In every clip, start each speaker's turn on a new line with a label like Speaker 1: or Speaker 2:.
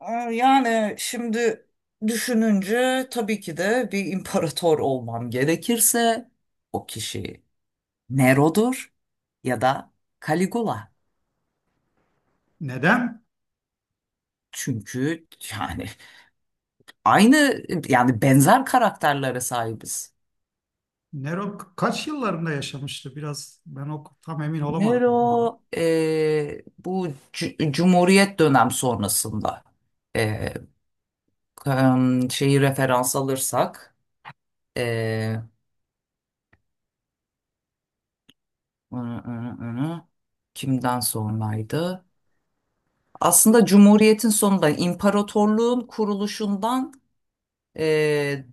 Speaker 1: Ee, Yani şimdi düşününce tabii ki de bir imparator olmam gerekirse o kişi Nero'dur ya da Caligula.
Speaker 2: Neden?
Speaker 1: Çünkü yani aynı yani benzer karakterlere sahibiz.
Speaker 2: Nero kaç yıllarında yaşamıştı? Biraz ben o tam emin olamadım o konuda.
Speaker 1: Nero bu Cumhuriyet dönem sonrasında e, şeyi referans alırsak e, ı- ı- ı- kimden sonraydı? Aslında Cumhuriyet'in sonunda imparatorluğun kuruluşundan e,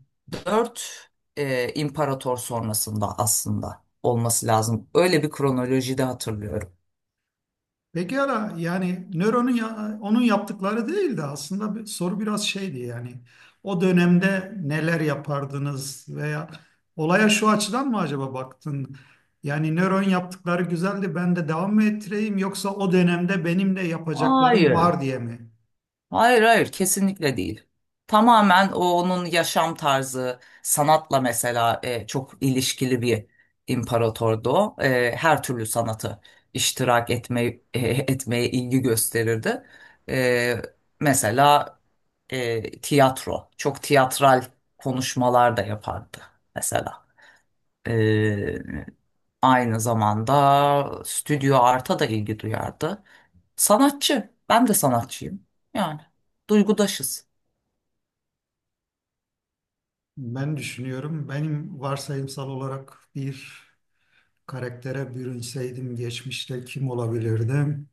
Speaker 1: dört imparator sonrasında aslında olması lazım. Öyle bir kronolojide hatırlıyorum.
Speaker 2: Peki ara yani onun yaptıkları değildi aslında bir, soru biraz şeydi yani o dönemde neler yapardınız veya olaya şu açıdan mı acaba baktın? Yani Nero'nun yaptıkları güzeldi ben de devam mı ettireyim yoksa o dönemde benim de yapacaklarım
Speaker 1: Hayır.
Speaker 2: var diye mi?
Speaker 1: Hayır, hayır, kesinlikle değil. Tamamen onun yaşam tarzı, sanatla mesela çok ilişkili bir imparatordu o. Her türlü sanatı iştirak etme, etmeye ilgi gösterirdi. E, Mesela tiyatro, çok tiyatral konuşmalar da yapardı mesela. E, Aynı zamanda stüdyo arta da ilgi duyardı. Sanatçı. Ben de sanatçıyım. Yani duygudaşız.
Speaker 2: Ben düşünüyorum benim varsayımsal olarak bir karaktere bürünseydim geçmişte kim olabilirdim?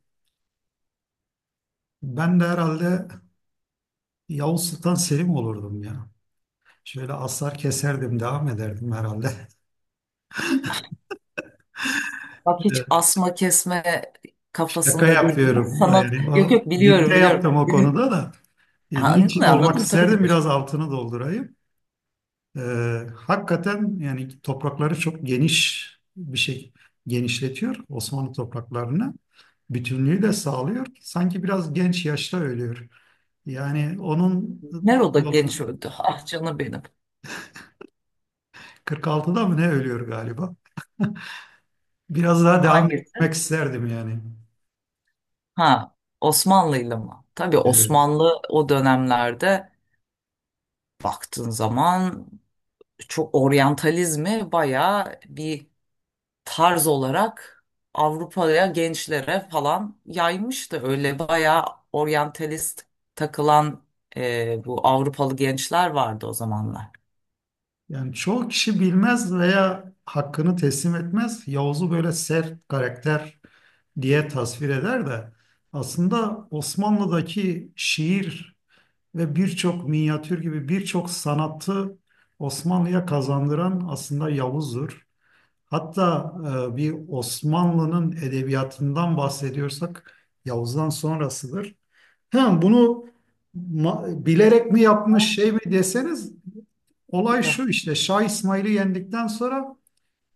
Speaker 2: Ben de herhalde Yavuz Sultan Selim olurdum ya. Şöyle aslar keserdim, devam ederdim herhalde.
Speaker 1: Bak hiç
Speaker 2: Evet,
Speaker 1: asma kesme
Speaker 2: şaka
Speaker 1: kafasında değil.
Speaker 2: yapıyorum.
Speaker 1: Sanat,
Speaker 2: Yani
Speaker 1: yok
Speaker 2: o,
Speaker 1: yok, biliyorum
Speaker 2: nükte
Speaker 1: biliyorum.
Speaker 2: yaptım o
Speaker 1: Benim.
Speaker 2: konuda da.
Speaker 1: Anladım,
Speaker 2: Niçin olmak
Speaker 1: anladım, tabii ki
Speaker 2: isterdim
Speaker 1: de.
Speaker 2: biraz altını doldurayım. Hakikaten yani toprakları çok geniş bir şey genişletiyor Osmanlı topraklarını. Bütünlüğü de sağlıyor. Sanki biraz genç yaşta ölüyor. Yani onun
Speaker 1: Nero'da
Speaker 2: yolu
Speaker 1: genç öldü. Ah canım benim.
Speaker 2: 46'da mı ne ölüyor galiba. Biraz daha devam
Speaker 1: Hangisi?
Speaker 2: etmek isterdim yani.
Speaker 1: Ha, Osmanlı'yla mı? Tabii
Speaker 2: Evet.
Speaker 1: Osmanlı o dönemlerde baktığın zaman çok oryantalizmi bayağı bir tarz olarak Avrupa'ya gençlere falan yaymıştı. Öyle bayağı oryantalist takılan bu Avrupalı gençler vardı o zamanlar.
Speaker 2: Yani çoğu kişi bilmez veya hakkını teslim etmez. Yavuz'u böyle sert karakter diye tasvir eder de aslında Osmanlı'daki şiir ve birçok minyatür gibi birçok sanatı Osmanlı'ya kazandıran aslında Yavuz'dur. Hatta bir Osmanlı'nın edebiyatından bahsediyorsak Yavuz'dan sonrasıdır. Hem bunu bilerek mi yapmış
Speaker 1: Aa.
Speaker 2: şey mi deseniz
Speaker 1: Bir
Speaker 2: olay
Speaker 1: de-
Speaker 2: şu işte Şah İsmail'i yendikten sonra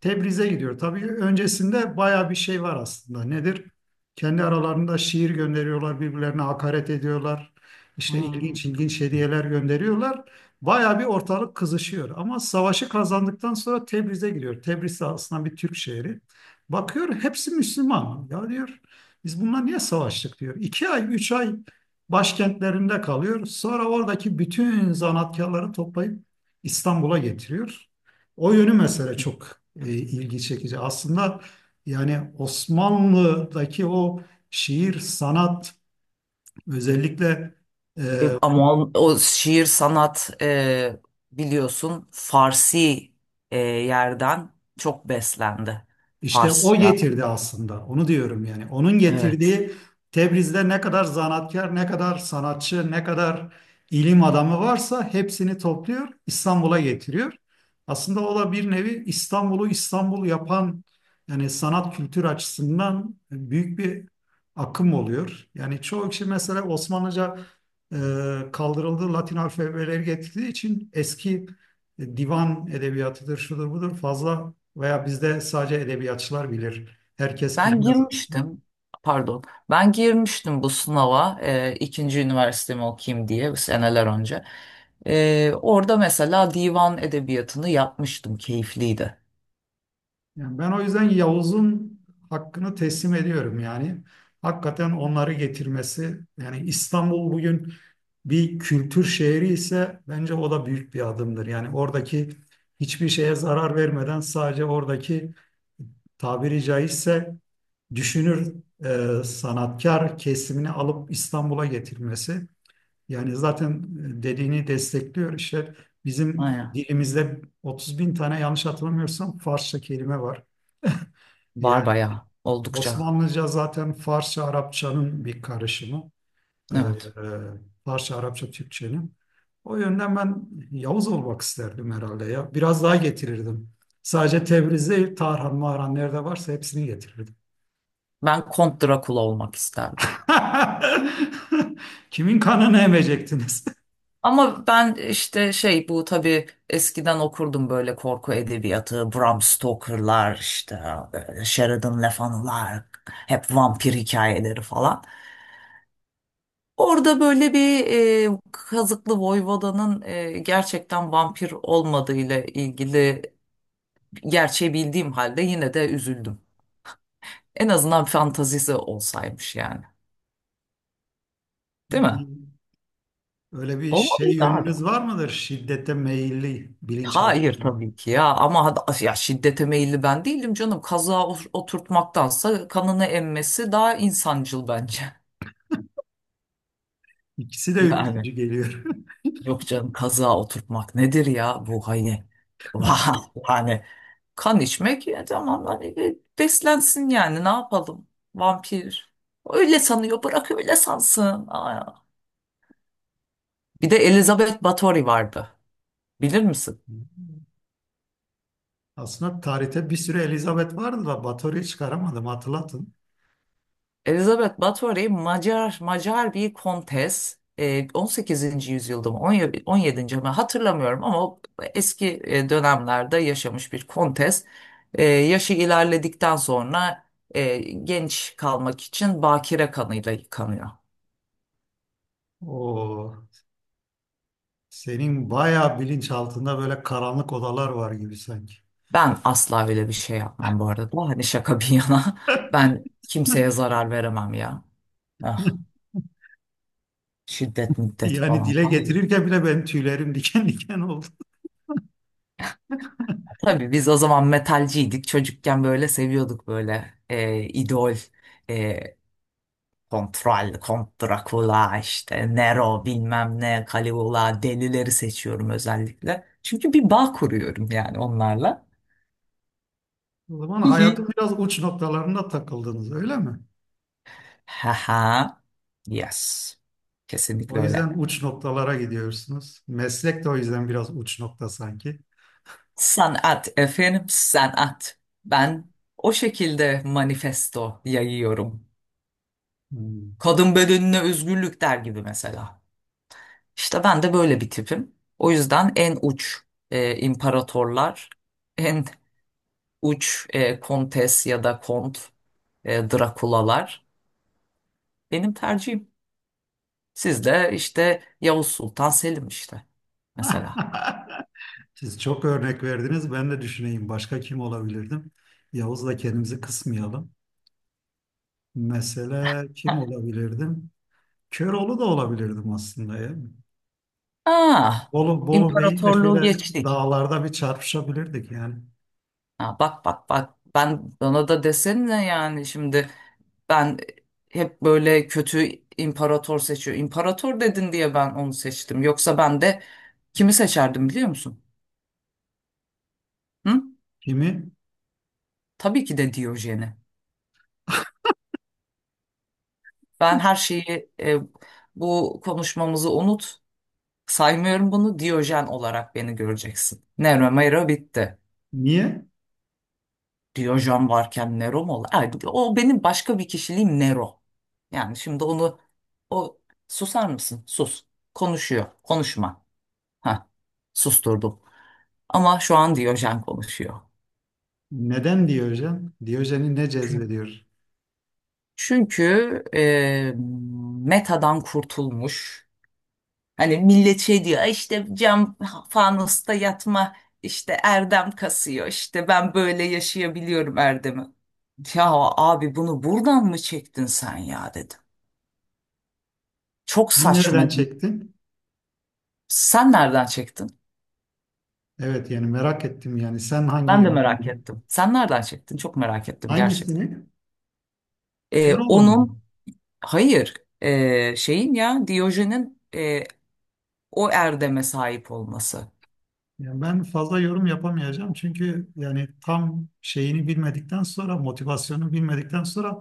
Speaker 2: Tebriz'e gidiyor. Tabii öncesinde baya bir şey var aslında. Nedir? Kendi aralarında şiir gönderiyorlar, birbirlerine hakaret ediyorlar. İşte ilginç
Speaker 1: Ha.
Speaker 2: ilginç hediyeler gönderiyorlar. Baya bir ortalık kızışıyor. Ama savaşı kazandıktan sonra Tebriz'e gidiyor. Tebriz de aslında bir Türk şehri. Bakıyor hepsi Müslüman. Ya diyor biz bunlar niye savaştık diyor. İki ay, üç ay başkentlerinde kalıyor. Sonra oradaki bütün zanaatkarları toplayıp İstanbul'a getiriyor. O yönü mesele çok ilgi çekici. Aslında yani Osmanlı'daki o şiir, sanat özellikle e,
Speaker 1: Ama o şiir sanat biliyorsun Farsi yerden çok beslendi.
Speaker 2: İşte o
Speaker 1: Farsça.
Speaker 2: getirdi aslında. Onu diyorum yani. Onun
Speaker 1: Evet.
Speaker 2: getirdiği Tebriz'de ne kadar zanaatkar, ne kadar sanatçı, ne kadar ilim adamı varsa hepsini topluyor, İstanbul'a getiriyor. Aslında o da bir nevi İstanbul'u İstanbul yapan yani sanat kültür açısından büyük bir akım oluyor. Yani çoğu kişi mesela Osmanlıca e, kaldırıldı, Latin alfabeleri getirdiği için eski divan edebiyatıdır, şudur budur fazla veya bizde sadece edebiyatçılar bilir. Herkes
Speaker 1: Ben
Speaker 2: bilmez aslında.
Speaker 1: girmiştim, pardon, ben girmiştim bu sınava ikinci üniversitemi okuyayım diye seneler önce. Orada mesela divan edebiyatını yapmıştım, keyifliydi.
Speaker 2: Yani ben o yüzden Yavuz'un hakkını teslim ediyorum yani. Hakikaten onları getirmesi yani İstanbul bugün bir kültür şehri ise bence o da büyük bir adımdır. Yani oradaki hiçbir şeye zarar vermeden sadece oradaki tabiri caizse düşünür sanatkar kesimini alıp İstanbul'a getirmesi. Yani zaten dediğini destekliyor. İşte bizim
Speaker 1: Aynen.
Speaker 2: dilimizde 30 bin tane yanlış hatırlamıyorsam Farsça kelime var.
Speaker 1: Var
Speaker 2: Yani
Speaker 1: bayağı, oldukça.
Speaker 2: Osmanlıca zaten Farsça Arapçanın bir karışımı. Ee, e,
Speaker 1: Evet.
Speaker 2: Farsça Arapça Türkçenin. O yönden ben Yavuz olmak isterdim herhalde ya. Biraz daha getirirdim. Sadece Tebriz değil, Tarhan, Mahran nerede varsa hepsini getirirdim.
Speaker 1: Ben Kont Drakula olmak isterdim.
Speaker 2: Kimin kanını emecektiniz?
Speaker 1: Ama ben işte şey bu tabii eskiden okurdum böyle korku edebiyatı. Bram Stoker'lar işte böyle Sheridan Le Fanu'lar hep vampir hikayeleri falan. Orada böyle bir Kazıklı Voyvoda'nın gerçekten vampir olmadığıyla ilgili gerçeği bildiğim halde yine de üzüldüm. En azından fantazisi olsaymış yani. Değil mi?
Speaker 2: Bir öyle bir şey
Speaker 1: Olmalıydı abi.
Speaker 2: yönünüz var mıdır? Şiddete meyilli
Speaker 1: Hayır
Speaker 2: bilinçaltında.
Speaker 1: tabii ki ya ama ya şiddete meyilli ben değilim canım. Kazığa oturtmaktansa kanını emmesi daha insancıl bence.
Speaker 2: İkisi de
Speaker 1: Yani
Speaker 2: ürkütücü geliyor.
Speaker 1: yok canım, kazığa oturtmak nedir ya bu hani yani kan içmek ya, tamam hani beslensin yani, ne yapalım, vampir. Öyle sanıyor, bırak öyle sansın. Aa. Bir de Elizabeth Bathory vardı, bilir misin?
Speaker 2: Aslında tarihte bir sürü Elizabeth vardı da Batorya'yı çıkaramadım hatırlatın.
Speaker 1: Elizabeth Báthory Macar bir kontes. 18. yüzyılda mı, 17., 17. mi hatırlamıyorum, ama o eski dönemlerde yaşamış bir kontes. Yaşı ilerledikten sonra genç kalmak için bakire kanıyla yıkanıyor.
Speaker 2: O senin bayağı bilinçaltında böyle karanlık odalar var gibi sanki.
Speaker 1: Ben asla öyle bir şey yapmam bu arada. Hani şaka bir yana, ben kimseye zarar veremem ya. Ah, şiddet müddet
Speaker 2: Yani
Speaker 1: falan.
Speaker 2: dile
Speaker 1: Ay.
Speaker 2: getirirken bile benim tüylerim diken diken oldu.
Speaker 1: Tabii biz o zaman metalciydik. Çocukken böyle seviyorduk böyle idol, e, Kontral, Kont Drakula, işte Nero bilmem ne, Caligula delileri seçiyorum özellikle. Çünkü bir bağ kuruyorum yani onlarla.
Speaker 2: O zaman hayatın
Speaker 1: Hihi.
Speaker 2: biraz uç noktalarında takıldınız öyle mi?
Speaker 1: Haha. Yes.
Speaker 2: O
Speaker 1: Kesinlikle
Speaker 2: yüzden
Speaker 1: öyle.
Speaker 2: uç noktalara gidiyorsunuz. Meslek de o yüzden biraz uç nokta sanki.
Speaker 1: Sanat efendim, sanat. Ben o şekilde manifesto yayıyorum.
Speaker 2: Hmm.
Speaker 1: Kadın bedenine özgürlük der gibi mesela. İşte ben de böyle bir tipim. O yüzden en uç imparatorlar, en uç kontes ya da kont, Drakulalar benim tercihim. Siz de işte Yavuz Sultan Selim işte, mesela.
Speaker 2: Siz çok örnek verdiniz. Ben de düşüneyim. Başka kim olabilirdim? Yavuz'la kendimizi kısmayalım. Mesela
Speaker 1: Ha.
Speaker 2: kim olabilirdim? Köroğlu da olabilirdim aslında ya.
Speaker 1: Ah,
Speaker 2: Bolu, Bolu Bey'le şöyle
Speaker 1: imparatorluğu geçtik.
Speaker 2: dağlarda bir çarpışabilirdik yani.
Speaker 1: Ha, bak bak bak, ben bana da desene yani şimdi ben hep böyle kötü imparator seçiyor. İmparator dedin diye ben onu seçtim. Yoksa ben de kimi seçerdim biliyor musun? Hı?
Speaker 2: Kimi?
Speaker 1: Tabii ki de Diyojen'i. Ben her şeyi bu konuşmamızı unut. Saymıyorum bunu, Diyojen olarak beni göreceksin. Nero Mero bitti.
Speaker 2: Niye?
Speaker 1: Diyojen varken Nero mu olur? Ay, o benim başka bir kişiliğim Nero. Yani şimdi onu, o, susar mısın? Sus. Konuşuyor. Konuşma. Ha, susturdum. Ama şu an Diyojen konuşuyor.
Speaker 2: Neden Diyojen? Diyojen'i ne
Speaker 1: Çünkü,
Speaker 2: cezbediyor?
Speaker 1: çünkü metadan kurtulmuş. Hani millet şey diyor, "Ay işte cam fanusta yatma, işte erdem kasıyor, işte ben böyle yaşayabiliyorum erdemi." Ya abi bunu buradan mı çektin sen ya, dedim. Çok
Speaker 2: Sen nereden
Speaker 1: saçma değil.
Speaker 2: çektin?
Speaker 1: Sen nereden çektin?
Speaker 2: Evet yani merak ettim yani. Sen hangi
Speaker 1: Ben de merak
Speaker 2: yönünü-
Speaker 1: ettim. Sen nereden çektin? Çok merak ettim gerçekten.
Speaker 2: Hangisini? Köroğlu'nu.
Speaker 1: Onun hayır, şeyin ya, Diyojen'in o erdeme sahip olması.
Speaker 2: Yani ben fazla yorum yapamayacağım çünkü yani tam şeyini bilmedikten sonra, motivasyonu bilmedikten sonra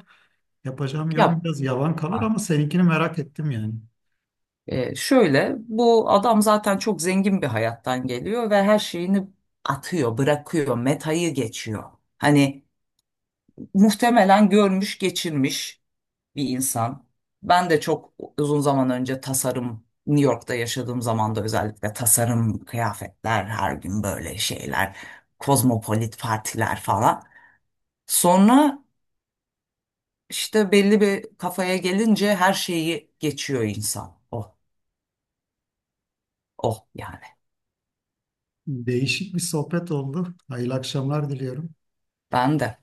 Speaker 2: yapacağım yorum
Speaker 1: Ya,
Speaker 2: biraz yavan kalır ama seninkini merak ettim yani.
Speaker 1: Şöyle, bu adam zaten çok zengin bir hayattan geliyor ve her şeyini atıyor, bırakıyor, metayı geçiyor. Hani muhtemelen görmüş, geçirmiş bir insan. Ben de çok uzun zaman önce tasarım, New York'ta yaşadığım zaman da özellikle tasarım, kıyafetler, her gün böyle şeyler, kozmopolit partiler falan. Sonra işte belli bir kafaya gelince her şeyi geçiyor insan. Oh, oh yani.
Speaker 2: Değişik bir sohbet oldu. Hayırlı akşamlar diliyorum.
Speaker 1: Ben de.